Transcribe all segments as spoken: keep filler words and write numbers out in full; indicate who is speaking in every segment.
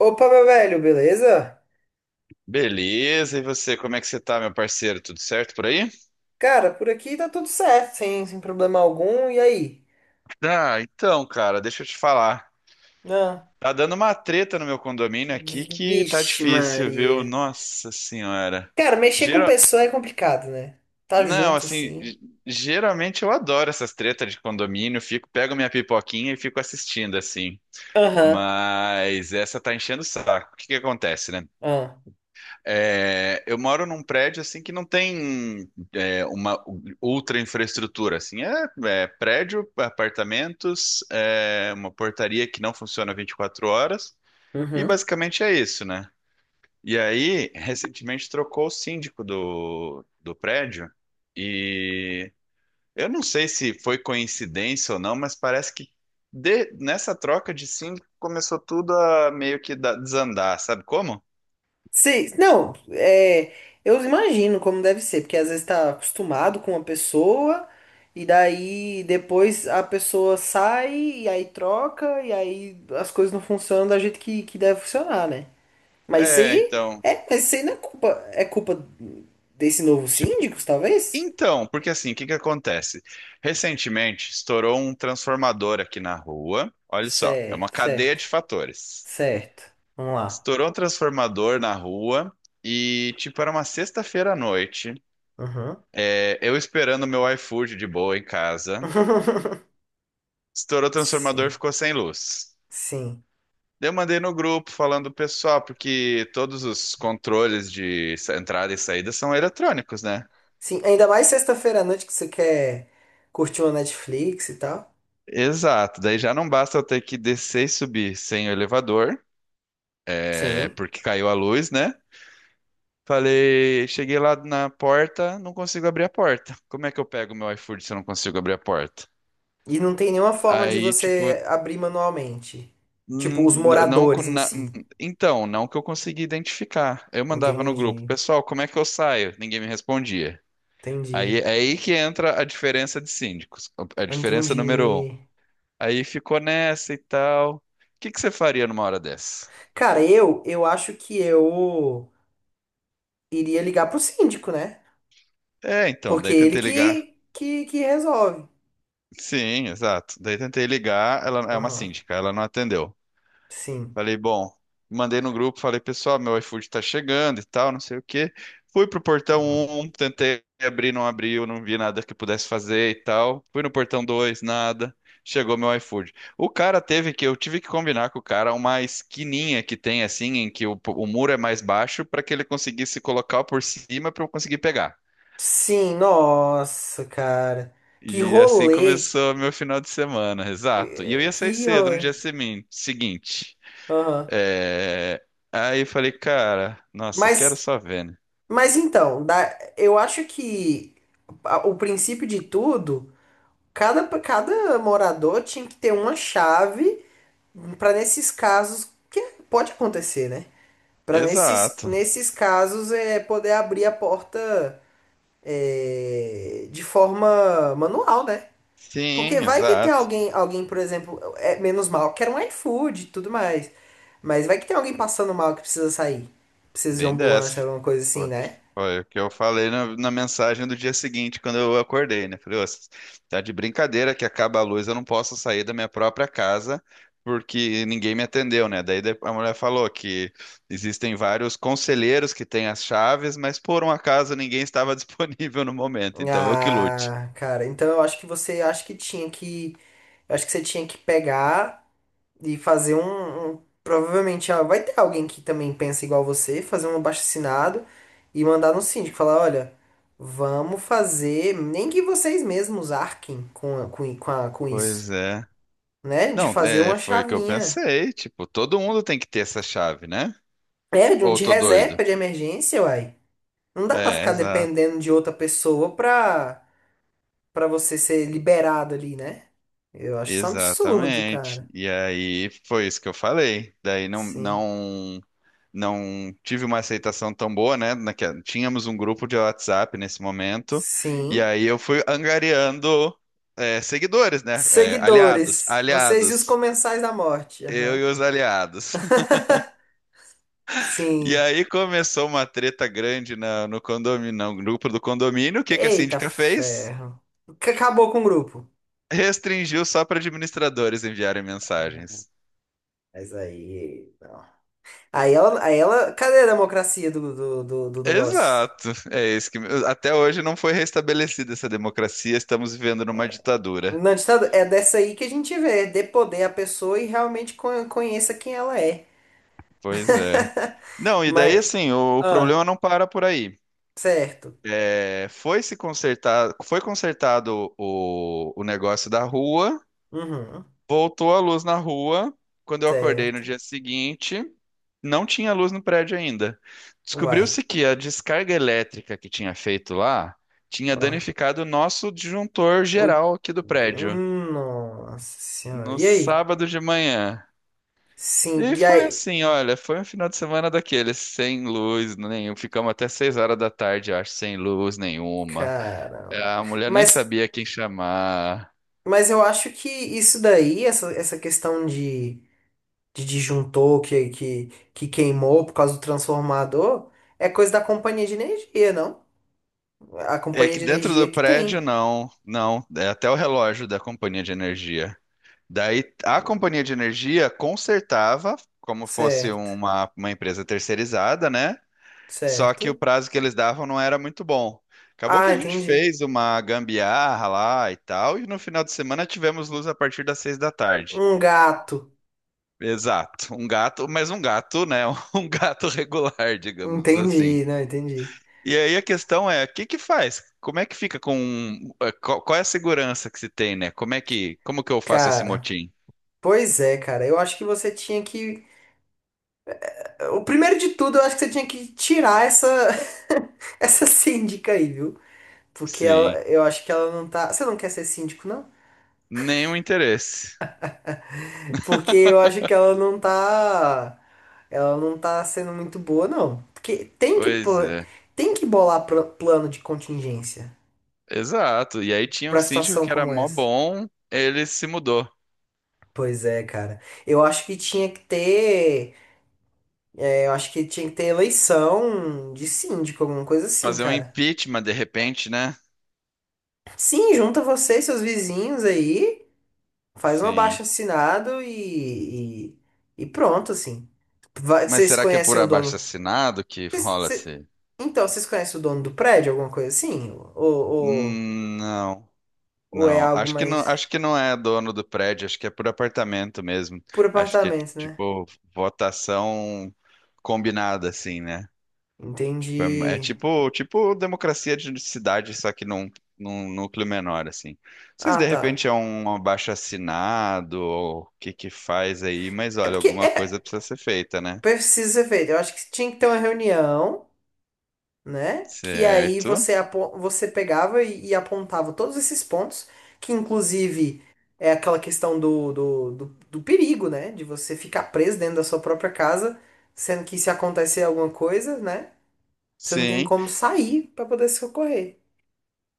Speaker 1: Opa, meu velho, beleza?
Speaker 2: Beleza, e você, como é que você tá, meu parceiro? Tudo certo por aí?
Speaker 1: Cara, por aqui tá tudo certo, sem, sem problema algum. E aí?
Speaker 2: Ah, então, cara, deixa eu te falar.
Speaker 1: Ah,
Speaker 2: Tá dando uma treta no meu condomínio aqui que tá
Speaker 1: vixe,
Speaker 2: difícil, viu?
Speaker 1: Maria.
Speaker 2: Nossa senhora.
Speaker 1: Cara, mexer com
Speaker 2: Gera...
Speaker 1: pessoa é complicado, né? Tá
Speaker 2: Não,
Speaker 1: junto
Speaker 2: assim,
Speaker 1: assim.
Speaker 2: ge- geralmente eu adoro essas tretas de condomínio, fico, pego minha pipoquinha e fico assistindo, assim.
Speaker 1: Aham.
Speaker 2: Mas essa tá enchendo o saco. O que que acontece, né?
Speaker 1: Ah,
Speaker 2: É, eu moro num prédio assim que não tem é, uma ultra infraestrutura assim é, é prédio, apartamentos, é, uma portaria que não funciona vinte e quatro horas e
Speaker 1: uhum.
Speaker 2: basicamente é isso, né? E aí recentemente trocou o síndico do, do prédio e eu não sei se foi coincidência ou não, mas parece que de- nessa troca de síndico começou tudo a meio que da- desandar, sabe como?
Speaker 1: Sim, não, é, eu imagino como deve ser, porque às vezes tá acostumado com uma pessoa, e daí depois a pessoa sai, e aí troca, e aí as coisas não funcionam da jeito que, que deve funcionar, né? Mas isso
Speaker 2: É,
Speaker 1: aí
Speaker 2: então.
Speaker 1: é, mas isso aí não é culpa, é culpa desse novo
Speaker 2: tipo,
Speaker 1: síndicos, talvez?
Speaker 2: Então, porque assim, o que que acontece? Recentemente estourou um transformador aqui na rua. Olha só, é uma
Speaker 1: Certo,
Speaker 2: cadeia
Speaker 1: certo,
Speaker 2: de fatores.
Speaker 1: certo. Vamos lá.
Speaker 2: Estourou um transformador na rua e, tipo, era uma sexta-feira à noite.
Speaker 1: Uhum.
Speaker 2: É, eu esperando meu iFood de boa em casa. Estourou o transformador,
Speaker 1: Sim,
Speaker 2: ficou sem luz.
Speaker 1: sim.
Speaker 2: Daí eu mandei no grupo falando, pessoal, porque todos os controles de sa- entrada e saída são eletrônicos, né?
Speaker 1: Sim, ainda mais sexta-feira à noite que você quer curtir uma Netflix e tal.
Speaker 2: Exato, daí já não basta eu ter que descer e subir sem o elevador. É,
Speaker 1: Sim.
Speaker 2: porque caiu a luz, né? Falei, cheguei lá na porta, não consigo abrir a porta. Como é que eu pego meu iFood se eu não consigo abrir a porta?
Speaker 1: E não tem nenhuma forma de
Speaker 2: Aí, tipo,
Speaker 1: você abrir manualmente. Tipo,
Speaker 2: n-
Speaker 1: os
Speaker 2: n- não, co-
Speaker 1: moradores em
Speaker 2: na-
Speaker 1: si.
Speaker 2: n- então, não que eu consegui identificar. Eu mandava no grupo,
Speaker 1: Entendi,
Speaker 2: pessoal, como é que eu saio? Ninguém me respondia. Aí,
Speaker 1: entendi,
Speaker 2: é aí que entra a diferença de síndicos, a diferença número um.
Speaker 1: entendi.
Speaker 2: Aí ficou nessa e tal. O que que você faria numa hora dessa?
Speaker 1: Cara, eu, eu acho que eu iria ligar pro síndico, né?
Speaker 2: É, então,
Speaker 1: Porque
Speaker 2: daí
Speaker 1: ele
Speaker 2: tentei ligar.
Speaker 1: que, que, que resolve.
Speaker 2: Sim, exato. Daí tentei ligar, ela é uma
Speaker 1: Aham.
Speaker 2: síndica, ela não atendeu.
Speaker 1: Sim.
Speaker 2: Falei, bom, mandei no grupo, falei, pessoal, meu iFood tá chegando e tal, não sei o quê. Fui pro portão
Speaker 1: Aham.
Speaker 2: um, tentei abrir, não abriu, não vi nada que pudesse fazer e tal. Fui no portão dois, nada. Chegou meu iFood. O cara teve que, eu tive que combinar com o cara uma esquininha que tem assim, em que o, o muro é mais baixo, para que ele conseguisse colocar por cima para eu conseguir pegar.
Speaker 1: Sim, nossa, cara. Que
Speaker 2: E assim
Speaker 1: rolê.
Speaker 2: começou meu final de semana, exato. E eu ia sair
Speaker 1: Que
Speaker 2: cedo no
Speaker 1: rolê.
Speaker 2: dia semin- seguinte.
Speaker 1: Aham.
Speaker 2: É, aí eu falei, cara, nossa, quero
Speaker 1: Mas,
Speaker 2: só ver, né?
Speaker 1: mas então, da, eu acho que a- o princípio de tudo, cada, cada morador tinha que ter uma chave para nesses casos, que pode acontecer, né? Para nesses,
Speaker 2: Exato.
Speaker 1: nesses casos é poder abrir a porta é, de forma manual, né? Porque
Speaker 2: Sim,
Speaker 1: vai que tem
Speaker 2: exato.
Speaker 1: alguém, alguém, por exemplo, é menos mal, quer um iFood e tudo mais. Mas vai que tem alguém passando mal que precisa sair. Precisa de uma
Speaker 2: Bem dessa.
Speaker 1: ambulância, alguma coisa assim,
Speaker 2: Foi,
Speaker 1: né?
Speaker 2: foi o que eu falei na, na mensagem do dia seguinte, quando eu acordei, né? Falei, "Ô, tá de brincadeira que acaba a luz, eu não posso sair da minha própria casa porque ninguém me atendeu, né? Daí de- a mulher falou que existem vários conselheiros que têm as chaves, mas por um acaso ninguém estava disponível no momento, então eu que lute.
Speaker 1: Ah, cara, então eu acho que você acho que tinha que. Eu acho que você tinha que pegar e fazer um. um- provavelmente ah, vai ter alguém que também pensa igual você, fazer um abaixo e mandar no síndico, falar, olha, vamos fazer. Nem que vocês mesmos arquem com, a- com, i- com, a- com isso.
Speaker 2: Pois é.
Speaker 1: Né? De
Speaker 2: Não,
Speaker 1: fazer
Speaker 2: é,
Speaker 1: uma
Speaker 2: foi o que eu
Speaker 1: chavinha.
Speaker 2: pensei, tipo, todo mundo tem que ter essa chave, né?
Speaker 1: É, de um
Speaker 2: Ou eu
Speaker 1: de
Speaker 2: tô
Speaker 1: reserva
Speaker 2: doido?
Speaker 1: de emergência, uai. Não dá pra
Speaker 2: É,
Speaker 1: ficar
Speaker 2: exato.
Speaker 1: dependendo de outra pessoa pra, pra você ser liberado ali, né? Eu acho isso um absurdo,
Speaker 2: Exatamente.
Speaker 1: cara.
Speaker 2: E aí foi isso que eu falei. Daí não
Speaker 1: Sim.
Speaker 2: não não tive uma aceitação tão boa, né? Naque- Tínhamos um grupo de WhatsApp nesse momento, e
Speaker 1: Sim.
Speaker 2: aí eu fui angariando é, seguidores, né? É, aliados,
Speaker 1: Seguidores, vocês e os
Speaker 2: aliados.
Speaker 1: comensais da morte.
Speaker 2: Eu
Speaker 1: Aham.
Speaker 2: e os aliados. E
Speaker 1: Sim.
Speaker 2: aí começou uma treta grande na- no condomínio, no grupo do condomínio. O que que a
Speaker 1: Eita
Speaker 2: síndica fez?
Speaker 1: ferro. Que acabou com o grupo.
Speaker 2: Restringiu só para administradores enviarem mensagens.
Speaker 1: Mas aí. Não. Aí ela, aí ela. Cadê a democracia do, do, do, do negócio?
Speaker 2: Exato. É isso que até hoje não foi restabelecida essa democracia, estamos vivendo numa ditadura.
Speaker 1: Na ditadura. É dessa aí que a gente vê, dê poder à pessoa e realmente con- conheça quem ela é.
Speaker 2: Pois é. Não, e daí
Speaker 1: Mas,
Speaker 2: assim, o, o
Speaker 1: ah,
Speaker 2: problema não para por aí.
Speaker 1: certo.
Speaker 2: É, foi se consertar, foi consertado o, o negócio da rua,
Speaker 1: Uhum,
Speaker 2: voltou a luz na rua. Quando eu acordei no
Speaker 1: certo.
Speaker 2: dia seguinte, não tinha luz no prédio ainda.
Speaker 1: Uai.
Speaker 2: Descobriu-se que a descarga elétrica que tinha feito lá tinha
Speaker 1: Ó.
Speaker 2: danificado o nosso disjuntor
Speaker 1: O-
Speaker 2: geral aqui do prédio.
Speaker 1: Hum, Nossa senhora.
Speaker 2: No
Speaker 1: E aí?
Speaker 2: sábado de manhã.
Speaker 1: Sim,
Speaker 2: E
Speaker 1: e
Speaker 2: foi
Speaker 1: aí?
Speaker 2: assim, olha, foi um final de semana daqueles, sem luz nenhum. Ficamos até seis horas da tarde, eu acho, sem luz nenhuma.
Speaker 1: Caramba.
Speaker 2: A mulher nem
Speaker 1: Mas,
Speaker 2: sabia quem chamar.
Speaker 1: mas eu acho que isso daí, essa, essa questão de, de disjuntor que, que, que queimou por causa do transformador, é coisa da companhia de energia, não? A
Speaker 2: É
Speaker 1: companhia
Speaker 2: que
Speaker 1: de
Speaker 2: dentro
Speaker 1: energia
Speaker 2: do
Speaker 1: que
Speaker 2: prédio,
Speaker 1: tem.
Speaker 2: não, não. É até o relógio da companhia de energia. Daí a companhia de energia consertava, como fosse
Speaker 1: Certo,
Speaker 2: uma, uma empresa terceirizada, né? Só que o
Speaker 1: certo.
Speaker 2: prazo que eles davam não era muito bom. Acabou que
Speaker 1: Ah,
Speaker 2: a gente
Speaker 1: entendi.
Speaker 2: fez uma gambiarra lá e tal, e no final de semana tivemos luz a partir das seis da tarde.
Speaker 1: Um gato.
Speaker 2: Exato, um gato, mas um gato, né? Um gato regular, digamos assim.
Speaker 1: Entendi, não, entendi.
Speaker 2: E aí a questão é, o que que faz? Como é que fica com... eh, Qual qual é a segurança que se tem, né? Como é que... Como que eu faço esse
Speaker 1: Cara,
Speaker 2: motim?
Speaker 1: pois é, cara. Eu acho que você tinha que. O primeiro de tudo, eu acho que você tinha que tirar essa essa síndica aí, viu? Porque ela,
Speaker 2: Sim,
Speaker 1: eu acho que ela não tá. Você não quer ser síndico, não?
Speaker 2: nenhum interesse.
Speaker 1: Porque eu acho que ela não tá. Ela não tá sendo muito boa, não. Porque tem que,
Speaker 2: Pois
Speaker 1: pla-
Speaker 2: é,
Speaker 1: tem que bolar pla- plano de contingência
Speaker 2: exato. E aí tinha um
Speaker 1: pra
Speaker 2: síndico
Speaker 1: situação
Speaker 2: que era
Speaker 1: como
Speaker 2: mó
Speaker 1: essa.
Speaker 2: bom, ele se mudou.
Speaker 1: Pois é, cara. Eu acho que tinha que ter. é, Eu acho que tinha que ter eleição de síndico, alguma coisa assim,
Speaker 2: Fazer um
Speaker 1: cara.
Speaker 2: impeachment de repente, né?
Speaker 1: Sim, junta você e seus vizinhos aí, faz um
Speaker 2: Sim.
Speaker 1: abaixo-assinado e, e, e pronto, assim. Vai-
Speaker 2: Mas
Speaker 1: Vocês
Speaker 2: será que é por
Speaker 1: conhecem o dono?
Speaker 2: abaixo-assinado que
Speaker 1: Vocês- cê-
Speaker 2: rola-se?
Speaker 1: então, vocês conhecem o dono do prédio, alguma coisa assim? Ou, ou,
Speaker 2: Hum, não,
Speaker 1: ou é
Speaker 2: não.
Speaker 1: algo
Speaker 2: Acho que não,
Speaker 1: mais
Speaker 2: acho que não é dono do prédio, acho que é por apartamento mesmo.
Speaker 1: por
Speaker 2: Acho que é
Speaker 1: apartamento, né?
Speaker 2: tipo votação combinada, assim, né? Tipo, é, é
Speaker 1: Entendi.
Speaker 2: tipo, tipo democracia de cidade, só que num, num núcleo menor, assim. Não sei se
Speaker 1: Ah,
Speaker 2: de
Speaker 1: tá.
Speaker 2: repente é um abaixo-assinado ou o que que faz aí, mas
Speaker 1: É
Speaker 2: olha,
Speaker 1: porque
Speaker 2: alguma coisa
Speaker 1: é,
Speaker 2: precisa ser feita, né?
Speaker 1: precisa ser feito. Eu acho que tinha que ter uma reunião. Né? Que aí
Speaker 2: Certo.
Speaker 1: você, apo- você pegava e, e, apontava todos esses pontos, que inclusive é aquela questão do, do, do, do perigo, né? De você ficar preso dentro da sua própria casa, sendo que se acontecer alguma coisa, né? Você não tem
Speaker 2: Sim,
Speaker 1: como sair para poder se socorrer.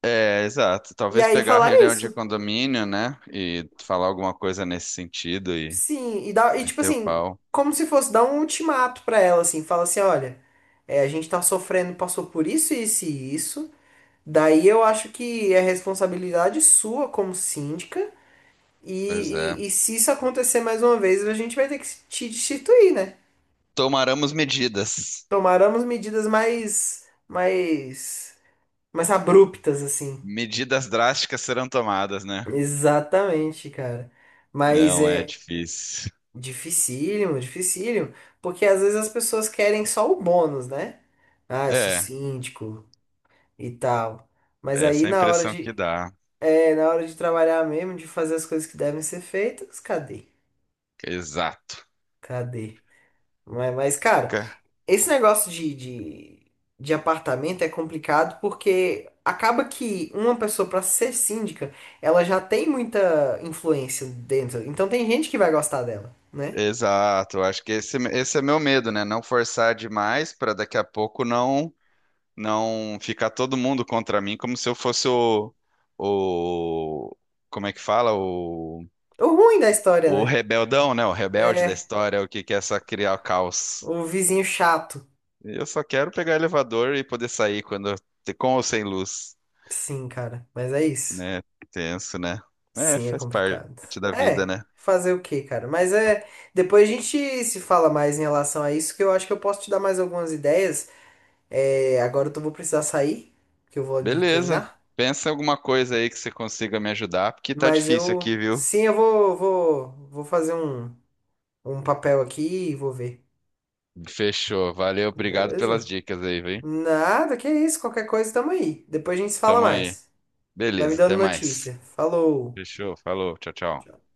Speaker 2: é, exato.
Speaker 1: E
Speaker 2: Talvez
Speaker 1: aí
Speaker 2: pegar a
Speaker 1: falar
Speaker 2: reunião de
Speaker 1: isso.
Speaker 2: condomínio, né? E falar alguma coisa nesse sentido e
Speaker 1: Sim, e, dá, e tipo
Speaker 2: meter o
Speaker 1: assim,
Speaker 2: pau.
Speaker 1: como se fosse dar um ultimato para ela, assim, fala assim, olha, é, a gente tá sofrendo, passou por isso, isso e isso. Daí eu acho que é responsabilidade sua como síndica. E,
Speaker 2: Pois é.
Speaker 1: e, e se isso acontecer mais uma vez, a gente vai ter que te destituir, né?
Speaker 2: Tomaremos medidas.
Speaker 1: Tomaremos medidas mais, mais, mais abruptas, assim.
Speaker 2: Medidas drásticas serão tomadas, né?
Speaker 1: Exatamente, cara. Mas
Speaker 2: Não é
Speaker 1: é
Speaker 2: difícil.
Speaker 1: dificílimo, dificílimo, porque às vezes as pessoas querem só o bônus, né? Ah, eu sou
Speaker 2: É,
Speaker 1: síndico e tal. Mas aí
Speaker 2: essa é a
Speaker 1: na hora
Speaker 2: impressão que
Speaker 1: de,
Speaker 2: dá.
Speaker 1: é, na hora de trabalhar mesmo, de fazer as coisas que devem ser feitas, cadê?
Speaker 2: Exato.
Speaker 1: Cadê? Mas, mas, cara,
Speaker 2: Ca-
Speaker 1: esse negócio de, de, de apartamento é complicado porque acaba que uma pessoa, pra ser síndica, ela já tem muita influência dentro. Então tem gente que vai gostar dela, né?
Speaker 2: Exato. Acho que esse, esse é meu medo, né? Não forçar demais para daqui a pouco não. Não ficar todo mundo contra mim como se eu fosse o, o como é que fala? O,
Speaker 1: O ruim da história,
Speaker 2: o
Speaker 1: né?
Speaker 2: rebeldão, né? O rebelde da
Speaker 1: É,
Speaker 2: história, o que que é só criar caos.
Speaker 1: o vizinho chato.
Speaker 2: Eu só quero pegar elevador e poder sair quando com ou sem luz,
Speaker 1: Sim, cara, mas é isso.
Speaker 2: né? Tenso, né? É,
Speaker 1: Sim, é
Speaker 2: faz
Speaker 1: complicado.
Speaker 2: parte da vida,
Speaker 1: É,
Speaker 2: né?
Speaker 1: fazer o quê, cara? Mas é. Depois a gente se fala mais em relação a isso, que eu acho que eu posso te dar mais algumas ideias. É, agora eu tô- vou precisar sair, que eu vou ali
Speaker 2: Beleza.
Speaker 1: treinar.
Speaker 2: Pensa em alguma coisa aí que você consiga me ajudar, porque tá
Speaker 1: Mas
Speaker 2: difícil
Speaker 1: eu,
Speaker 2: aqui, viu?
Speaker 1: sim, eu vou, vou, vou fazer um, um papel aqui e vou ver.
Speaker 2: Fechou. Valeu, obrigado
Speaker 1: Beleza?
Speaker 2: pelas dicas aí, viu?
Speaker 1: Nada, que isso, qualquer coisa tamo aí. Depois a gente se fala
Speaker 2: Tamo aí.
Speaker 1: mais. Vai me
Speaker 2: Beleza,
Speaker 1: dando
Speaker 2: até mais.
Speaker 1: notícia. Falou.
Speaker 2: Fechou, falou, tchau, tchau.
Speaker 1: Tchau.